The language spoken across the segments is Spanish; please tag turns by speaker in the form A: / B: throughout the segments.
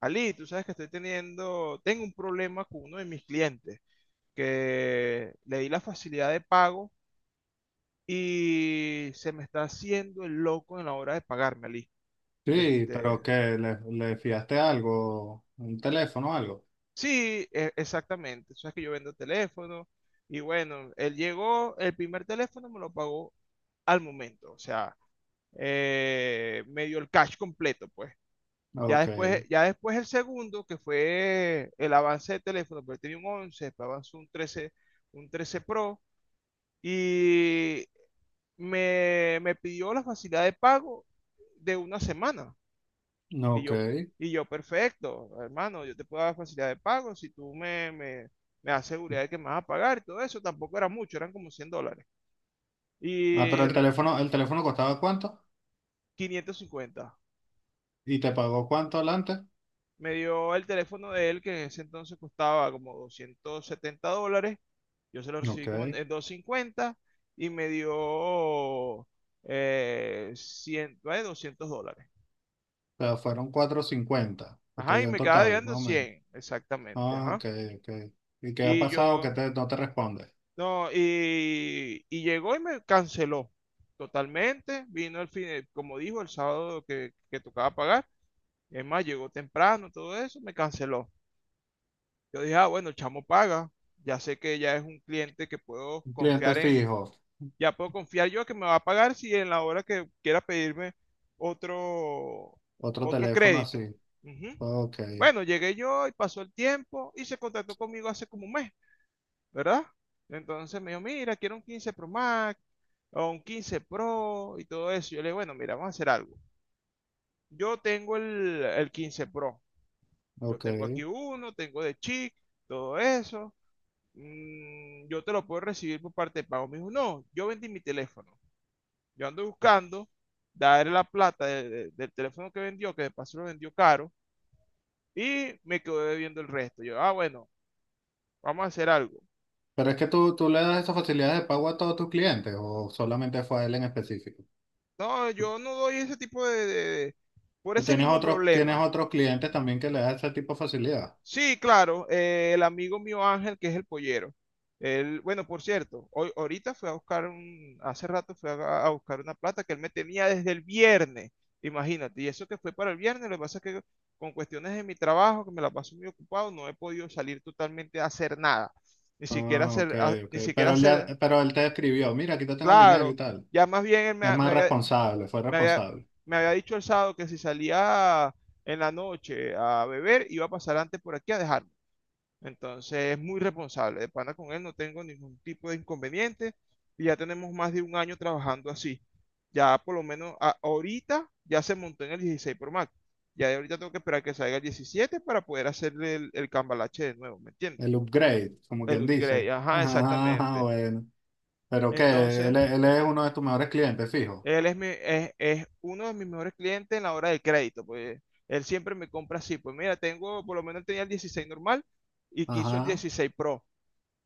A: Ali, tú sabes que tengo un problema con uno de mis clientes, que le di la facilidad de pago y se me está haciendo el loco en la hora de pagarme, Ali.
B: Sí,
A: Este,
B: pero que le fiaste algo, un teléfono o algo.
A: sí, exactamente. Tú sabes que yo vendo teléfonos y bueno, él llegó, el primer teléfono me lo pagó al momento, o sea, me dio el cash completo, pues. Ya
B: Ok,
A: después, ya después el segundo, que fue el avance de teléfono, porque tenía un once, después avanzó un trece, un 13 Pro, y me pidió la facilidad de pago de una semana. Y
B: ok.
A: yo, y yo, perfecto, hermano, yo te puedo dar facilidad de pago si tú me das seguridad de que me vas a pagar y todo eso. Tampoco era mucho, eran como $100.
B: Ah, pero
A: Y
B: el teléfono costaba cuánto
A: 550.
B: y te pagó cuánto adelante.
A: Me dio el teléfono de él, que en ese entonces costaba como $270. Yo se lo
B: Ok,
A: recibí como en
B: o
A: 250, y me dio 100, $200.
B: sea, fueron 4.50 que te
A: Ajá, y
B: dio en
A: me quedaba
B: total,
A: debiendo
B: más o menos.
A: 100, exactamente.
B: Ah,
A: Ajá.
B: ok, ok. ¿Y qué ha
A: Y
B: pasado que
A: yo,
B: te, no te responde?
A: no, y llegó y me canceló totalmente. Vino el fin, como dijo, el sábado que tocaba pagar. Es más, llegó temprano, todo eso, me canceló. Yo dije, ah, bueno, el chamo paga. Ya sé que ya es un cliente que puedo
B: Un cliente
A: confiar en,
B: fijo,
A: ya puedo confiar yo que me va a pagar si en la hora que quiera pedirme otro,
B: otro
A: otro
B: teléfono así.
A: crédito. Ujú.
B: Ok,
A: Bueno, llegué yo y pasó el tiempo y se contactó conmigo hace como un mes, ¿verdad? Entonces me dijo, mira, quiero un 15 Pro Max o un 15 Pro y todo eso. Yo le digo, bueno, mira, vamos a hacer algo. Yo tengo el 15 Pro. Yo
B: ok.
A: tengo aquí uno, tengo de chic, todo eso. Yo te lo puedo recibir por parte de pago. Me dijo, no, yo vendí mi teléfono. Yo ando buscando darle la plata del teléfono que vendió, que de paso lo vendió caro, y me quedó debiendo el resto. Yo, ah, bueno, vamos a hacer algo.
B: Pero es que tú le das esas facilidades de pago a todos tus clientes o solamente fue a él en específico.
A: No, yo no doy ese tipo por
B: Pero
A: ese
B: tienes
A: mismo
B: otros, tienes
A: problema.
B: otros clientes también que le das ese tipo de facilidad.
A: Sí, claro, el amigo mío Ángel, que es el pollero. Él, bueno, por cierto, hoy, ahorita fue a buscar un, hace rato fue a buscar una plata que él me tenía desde el viernes, imagínate, y eso que fue para el viernes. Lo que pasa es que con cuestiones de mi trabajo, que me la paso muy ocupado, no he podido salir totalmente a hacer nada, ni siquiera
B: Ah,
A: hacer,
B: ok,
A: a-
B: ok.
A: ni siquiera
B: Pero él ya,
A: hacer,
B: pero él te escribió, mira, aquí te tengo el dinero y
A: claro,
B: tal.
A: ya más bien él me,
B: Es
A: ha- me
B: más
A: había,
B: responsable, fue
A: me había,
B: responsable.
A: me había dicho el sábado que si salía en la noche a beber, iba a pasar antes por aquí a dejarme. Entonces es muy responsable. De pana con él no tengo ningún tipo de inconveniente. Y ya tenemos más de un año trabajando así. Ya por lo menos ahorita ya se montó en el 16 Pro Max. Ya de ahorita tengo que esperar que salga el 17 para poder hacerle el cambalache de nuevo, ¿me entiendes?
B: El upgrade, como
A: El
B: quien
A: upgrade,
B: dice.
A: ajá,
B: Ah,
A: exactamente.
B: bueno. Pero que
A: Entonces,
B: él, él es uno de tus mejores clientes, fijo.
A: él es, es uno de mis mejores clientes en la hora del crédito, pues él siempre me compra así. Pues mira, tengo, por lo menos tenía el 16 normal y quiso el
B: Ajá.
A: 16 Pro.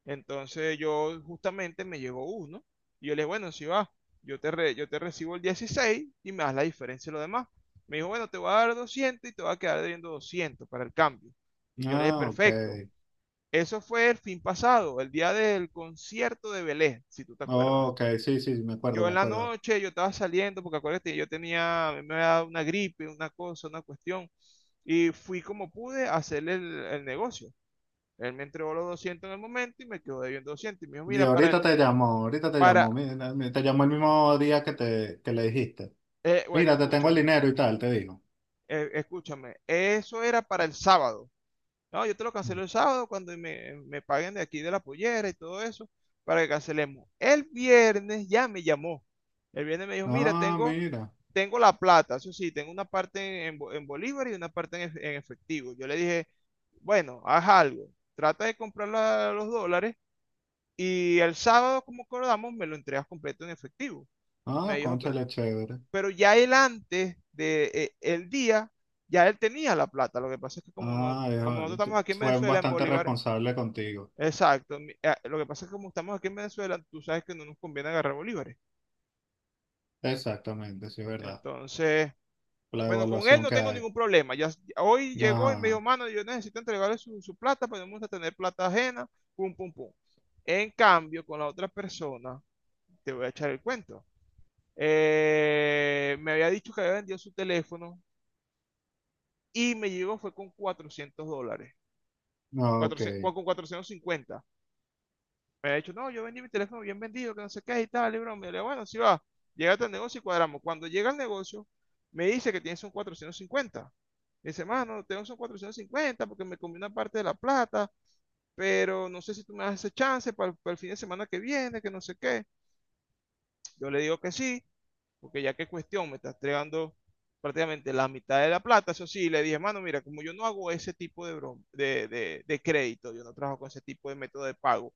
A: Entonces yo justamente me llegó uno y yo le dije, bueno, si va, yo te recibo el 16 y me das la diferencia de lo demás. Me dijo, bueno, te voy a dar 200 y te va a quedar debiendo 200 para el cambio. Y yo le dije,
B: Ah, ok.
A: perfecto. Eso fue el fin pasado, el día del concierto de Belén, si tú te acuerdas.
B: Ok, sí, sí, me acuerdo,
A: Yo
B: me
A: en la
B: acuerdo.
A: noche, yo estaba saliendo, porque acuérdate, yo tenía, me había dado una gripe, una cosa, una cuestión, y fui como pude a hacer el negocio. Él me entregó los 200 en el momento y me quedó debiendo 200. Y me dijo,
B: Y
A: mira, para el,
B: ahorita te
A: para,
B: llamó, mira, te llamó el mismo día que te, que le dijiste.
A: eh, bueno,
B: Mira, te tengo el
A: escúchame,
B: dinero y tal, te digo.
A: escúchame, eso era para el sábado. No, yo te lo cancelo el sábado cuando me paguen de aquí de la pollera y todo eso, para que cancelemos. El viernes ya me llamó. El viernes me dijo, mira,
B: Ah,
A: tengo,
B: mira.
A: tengo la plata, eso sí, tengo una parte en bolívar y una parte en efectivo. Yo le dije, bueno, haz algo, trata de comprar los dólares. Y el sábado, como acordamos, me lo entregas completo en efectivo. Me
B: Ah,
A: dijo que,
B: cónchale, chévere.
A: pero ya él antes del de el día, ya él tenía la plata. Lo que pasa es que como, no,
B: Ah,
A: como nosotros estamos aquí en
B: fue
A: Venezuela, en
B: bastante
A: bolívares,
B: responsable contigo.
A: exacto. Lo que pasa es que como estamos aquí en Venezuela, tú sabes que no nos conviene agarrar bolívares.
B: Exactamente, sí, es verdad.
A: Entonces,
B: La
A: bueno, con él
B: evaluación
A: no
B: que
A: tengo
B: hay.
A: ningún problema. Ya hoy llegó y me dijo,
B: Ajá,
A: mano, yo necesito entregarle su plata, pero no me gusta tener plata ajena, pum, pum, pum. En cambio, con la otra persona, te voy a echar el cuento. Me había dicho que había vendido su teléfono y me llegó fue con $400,
B: no, ok.
A: 400 con 450. Me había dicho, no, yo vendí mi teléfono bien vendido, que no sé qué y tal, y broma. Me dijo, bueno, sí va, llega al negocio y cuadramos. Cuando llega al negocio, me dice que tienes un 450. Me dice, mano, tengo, son 450 porque me comí una parte de la plata, pero no sé si tú me das ese chance para el fin de semana que viene, que no sé qué. Yo le digo que sí, porque ya que cuestión, me está entregando prácticamente la mitad de la plata. Eso sí, le dije, mano, mira, como yo no hago ese tipo de, broma, de crédito, yo no trabajo con ese tipo de método de pago.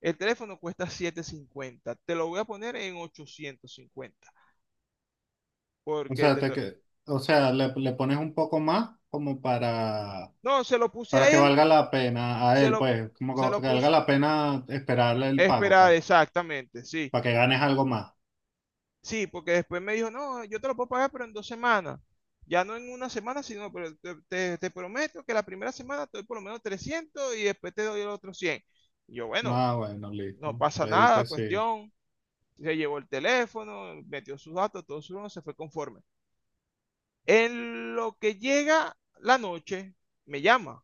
A: El teléfono cuesta 750. Te lo voy a poner en 850,
B: O
A: porque
B: sea,
A: te
B: o sea le pones un poco más como
A: No, se lo puse
B: para que
A: a él,
B: valga la pena a
A: se
B: él,
A: lo,
B: pues, como
A: se
B: que
A: lo
B: valga
A: puse...
B: la pena esperarle el pago,
A: Esperar,
B: pues,
A: exactamente, sí.
B: para que ganes algo más.
A: Sí, porque después me dijo, no, yo te lo puedo pagar, pero en 2 semanas. Ya no en 1 semana, sino, pero te, te prometo que la primera semana te doy por lo menos 300 y después te doy el otro 100. Y yo, bueno,
B: Ah, bueno,
A: no
B: listo.
A: pasa
B: Le
A: nada,
B: diste sí.
A: cuestión. Se llevó el teléfono, metió sus datos, todo su se fue conforme. En lo que llega la noche, me llama.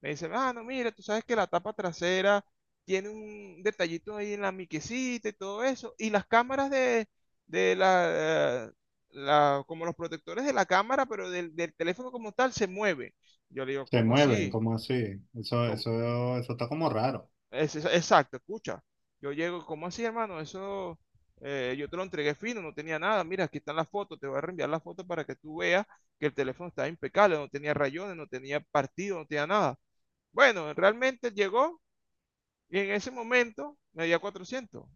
A: Me dicen, ah, no, mira, tú sabes que la tapa trasera tiene un detallito ahí en la miquecita y todo eso. Y las cámaras de la, como los protectores de la cámara, pero del, del teléfono como tal, se mueve. Yo le digo,
B: ¿Se
A: ¿cómo
B: mueven,
A: así?
B: como así? Eso,
A: ¿Cómo?
B: eso, eso está como raro.
A: Exacto, escucha. Yo llego, ¿cómo así, hermano? Eso yo te lo entregué fino, no tenía nada. Mira, aquí están las fotos, te voy a reenviar las fotos para que tú veas que el teléfono estaba impecable, no tenía rayones, no tenía partido, no tenía nada. Bueno, realmente llegó. Y en ese momento me dio cuatrocientos.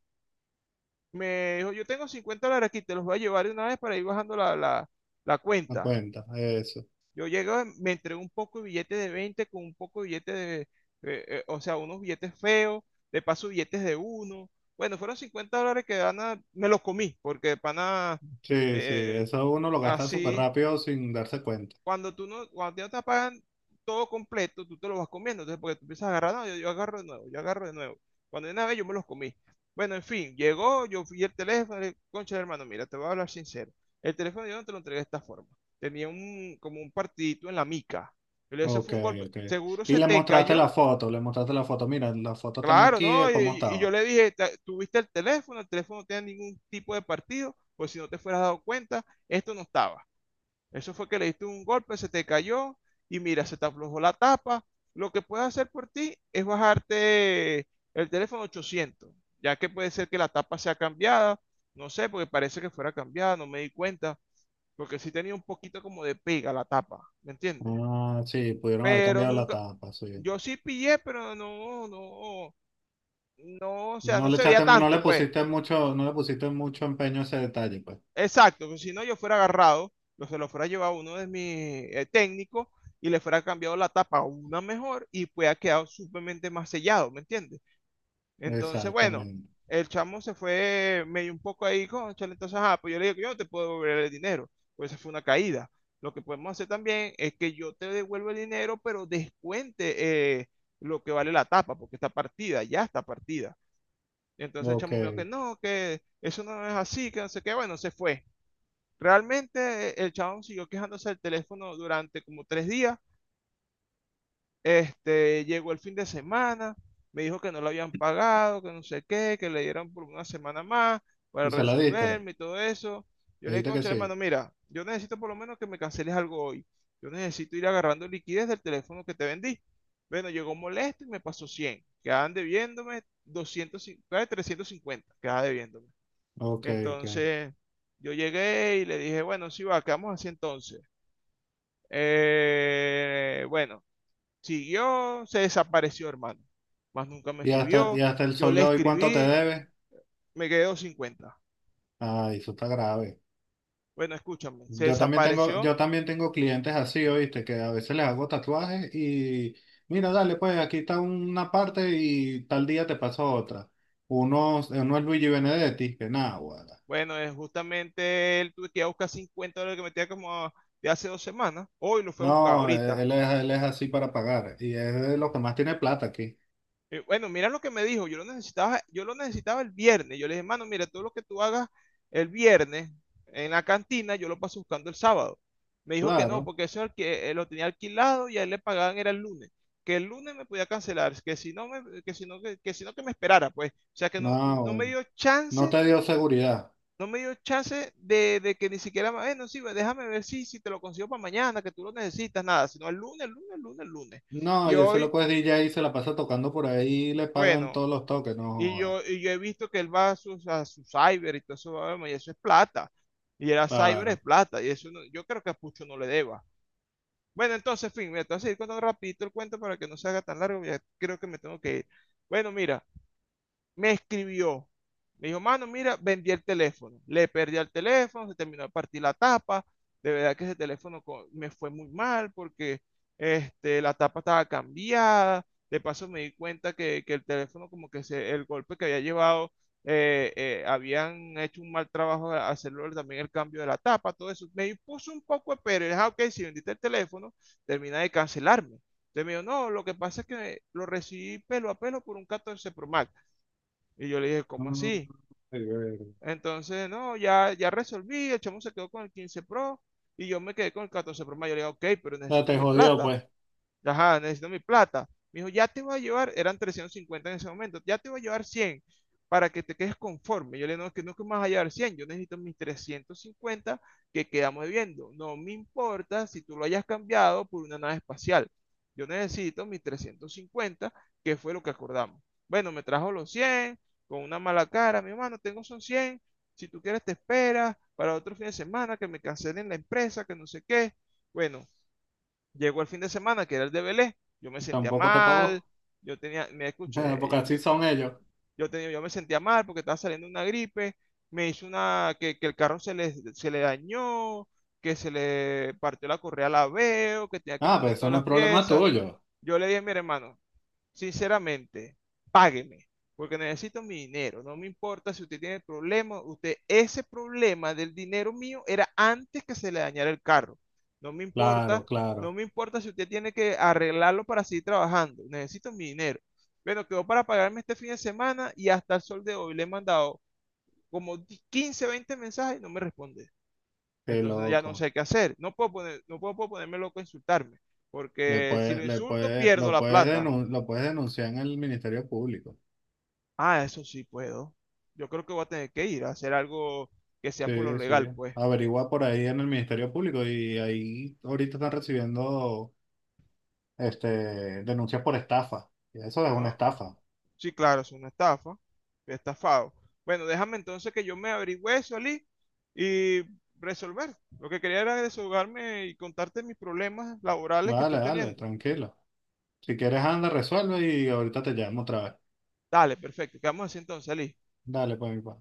A: Me dijo, yo tengo $50 aquí, te los voy a llevar de una vez para ir bajando la
B: Me
A: cuenta.
B: cuenta. Eso
A: Yo llego, me entregó un poco de billetes de 20 con un poco de billetes de, o sea, unos billetes feos, de paso billetes de uno. Bueno, fueron $50 que de pana me los comí, porque de pana
B: Sí, sí,
A: eh,
B: eso uno lo gasta súper
A: así,
B: rápido sin darse cuenta.
A: cuando tú no, cuando ya te pagan todo completo, tú te lo vas comiendo. Entonces, porque tú empiezas a agarrar, no, yo agarro de nuevo, yo agarro de nuevo. Cuando de una vez yo me los comí. Bueno, en fin, llegó, yo fui el teléfono, concha de hermano, mira, te voy a hablar sincero. El teléfono yo no te lo entregué de esta forma. Tenía un, como un partidito en la mica. Yo le dije, eso
B: Ok,
A: fue un golpe,
B: ok.
A: seguro
B: Y
A: se
B: le
A: te
B: mostraste la
A: cayó.
B: foto, le mostraste la foto. Mira, las fotos están
A: Claro,
B: aquí
A: ¿no?
B: de cómo
A: Y yo
B: estaba.
A: le dije, Tuviste el teléfono no tenía ningún tipo de partido, pues si no te fueras dado cuenta, esto no estaba. Eso fue que le diste un golpe, se te cayó y mira, se te aflojó la tapa. Lo que puedes hacer por ti es bajarte el teléfono 800, ya que puede ser que la tapa sea cambiada. No sé, porque parece que fuera cambiada, no me di cuenta, porque sí tenía un poquito como de pega la tapa, ¿me entiendes?
B: Ah, sí, pudieron haber
A: Pero
B: cambiado la
A: nunca,
B: tapa, sí.
A: yo sí pillé, pero no, no, no, o sea, no se veía
B: No
A: tanto,
B: le
A: pues.
B: pusiste mucho, no le pusiste mucho empeño a ese detalle, pues.
A: Exacto, pues si no yo fuera agarrado, se lo fuera llevado a uno de mis técnicos y le fuera cambiado la tapa a una mejor y pues ha quedado suplemente más sellado, ¿me entiendes? Entonces, bueno,
B: Exactamente.
A: el chamo se fue medio un poco ahí, cónchale. Entonces, ajá, pues yo le digo que yo no te puedo devolver el dinero, pues esa fue una caída. Lo que podemos hacer también es que yo te devuelvo el dinero, pero descuente lo que vale la tapa, porque está partida, ya está partida. Entonces el
B: Ok.
A: chamo me dijo que no, que eso no es así, que no sé qué. Bueno, se fue. Realmente el chabón siguió quejándose del teléfono durante como 3 días. Llegó el fin de semana, me dijo que no lo habían pagado, que no sé qué, que le dieron por una semana más para
B: ¿Y se la diste?
A: resolverme y todo eso. Yo
B: Le
A: le dije,
B: dijiste que
A: concha, hermano,
B: sí.
A: mira, yo necesito por lo menos que me canceles algo hoy. Yo necesito ir agarrando liquidez del teléfono que te vendí. Bueno, llegó molesto y me pasó 100. Quedaban debiéndome 200, 50, 350 quedaba debiéndome.
B: Ok, ok.
A: Entonces, yo llegué y le dije, bueno, sí va, ¿qué vamos así entonces? Bueno, siguió, se desapareció, hermano. Más nunca me
B: Y
A: escribió.
B: hasta el
A: Yo
B: sol
A: le
B: de hoy cuánto te
A: escribí,
B: debe?
A: me quedó 50.
B: Ay, eso está grave.
A: Bueno, escúchame, se desapareció.
B: Yo también tengo clientes así, ¿oíste? Que a veces les hago tatuajes y mira, dale, pues aquí está una parte y tal día te pasa otra. Uno, uno es Luigi Benedetti, que nada, guarda.
A: Bueno, es justamente él, tuve que ir a buscar $50 que me tenía como de hace 2 semanas. Hoy lo fue a buscar,
B: No,
A: ahorita.
B: él es así para pagar y es de los que más tiene plata aquí.
A: Bueno, mira lo que me dijo, yo lo necesitaba el viernes. Yo le dije, mano, mira, todo lo que tú hagas el viernes en la cantina, yo lo paso buscando el sábado. Me dijo que no,
B: Claro,
A: porque eso que lo tenía alquilado y a él le pagaban era el lunes. Que el lunes me podía cancelar, que si no me, que si no, que si no que me esperara, pues. O sea que no,
B: no,
A: no me
B: bueno,
A: dio
B: no
A: chance,
B: te dio seguridad.
A: no me dio chance de que ni siquiera, bueno, sí, pues, déjame ver si te lo consigo para mañana, que tú lo necesitas, nada, sino el lunes, el lunes, el lunes, el lunes.
B: No,
A: Y
B: y ese
A: hoy,
B: loco es DJ y se la pasa tocando por ahí y le pagan
A: bueno,
B: todos los toques, no
A: Y
B: joda.
A: yo, y yo he visto que él va a su cyber y todo eso, vamos, y eso es plata. Y era cyber es
B: Claro.
A: plata. Y eso no- yo creo que a Pucho no le deba. Bueno, entonces, en fin, me voy a seguir contando rapidito el cuento para que no se haga tan largo. Ya creo que me tengo que ir. Bueno, mira, me escribió. Me dijo, mano, mira, vendí el teléfono. Le perdí el teléfono, se terminó de partir la tapa. De verdad que ese teléfono co- me fue muy mal porque la tapa estaba cambiada. De paso me di cuenta que el teléfono, como que se- el golpe que había llevado, habían hecho un mal trabajo a- hacerlo también el cambio de la tapa, todo eso. Me puso un poco de pero. Y dije, "Ah, ok, si vendiste el teléfono, termina de cancelarme". Entonces me dijo, no, lo que pasa es que lo recibí pelo a pelo por un 14 Pro Max. Y yo le dije, ¿cómo
B: Mm,
A: así?
B: ay, verga.
A: Entonces, no, ya, ya resolví, el chamo se quedó con el 15 Pro y yo me quedé con el 14 Pro Max. Yo le dije, ok, pero
B: Ya
A: necesito
B: te
A: mi
B: jodió,
A: plata.
B: pues,
A: Ajá, necesito mi plata. Me dijo, ya te voy a llevar, eran 350 en ese momento, ya te voy a llevar 100 para que te quedes conforme. Yo le digo, no, es que no que me vas a llevar 100, yo necesito mis 350 que quedamos debiendo. No me importa si tú lo hayas cambiado por una nave espacial. Yo necesito mis 350 que fue lo que acordamos. Bueno, me trajo los 100 con una mala cara, mi hermano, tengo son 100, si tú quieres te esperas para otro fin de semana, que me cancelen la empresa, que no sé qué. Bueno, llegó el fin de semana, que era el de Belé, yo me sentía
B: tampoco te
A: mal,
B: pagó.
A: yo tenía, me
B: Porque
A: escuché, yo,
B: así son ellos.
A: yo, tenía, yo me sentía mal porque estaba saliendo una gripe, me hizo una, que el carro se le dañó, que se le partió la correa a la veo, que tenía que
B: Ah, pero
A: poner
B: eso
A: todas
B: no es
A: las
B: problema
A: piezas.
B: tuyo.
A: Yo le dije, mire hermano, sinceramente, págueme, porque necesito mi dinero. No me importa si usted tiene problemas, usted, ese problema del dinero mío era antes que se le dañara el carro. No me importa,
B: Claro,
A: no
B: claro.
A: me importa si usted tiene que arreglarlo para seguir trabajando. Necesito mi dinero. Bueno, quedó para pagarme este fin de semana y hasta el sol de hoy le he mandado como 15 20 mensajes y no me responde.
B: Qué
A: Entonces ya no
B: loco.
A: sé qué hacer. No puedo, poner, no puedo, puedo ponerme loco a insultarme,
B: Le
A: porque si lo
B: puedes, le
A: insulto
B: puede,
A: pierdo
B: lo
A: la
B: puedes
A: plata.
B: lo puedes denunciar en el Ministerio Público.
A: Ah, eso sí puedo. Yo creo que voy a tener que ir a hacer algo que sea por lo
B: Sí, sí.
A: legal, pues.
B: Averigua por ahí en el Ministerio Público y ahí ahorita están recibiendo este, denuncias por estafa. Y eso es una
A: Ah,
B: estafa.
A: sí, claro, es una estafa. Fui estafado. Bueno, déjame entonces que yo me averigüe eso, Ali, y resolver. Lo que quería era desahogarme y contarte mis problemas laborales que estoy
B: Dale, dale,
A: teniendo.
B: tranquilo. Si quieres, anda, resuelve y ahorita te llamo otra vez.
A: Dale, perfecto. Quedamos así entonces, Ali.
B: Dale, pues mi pa.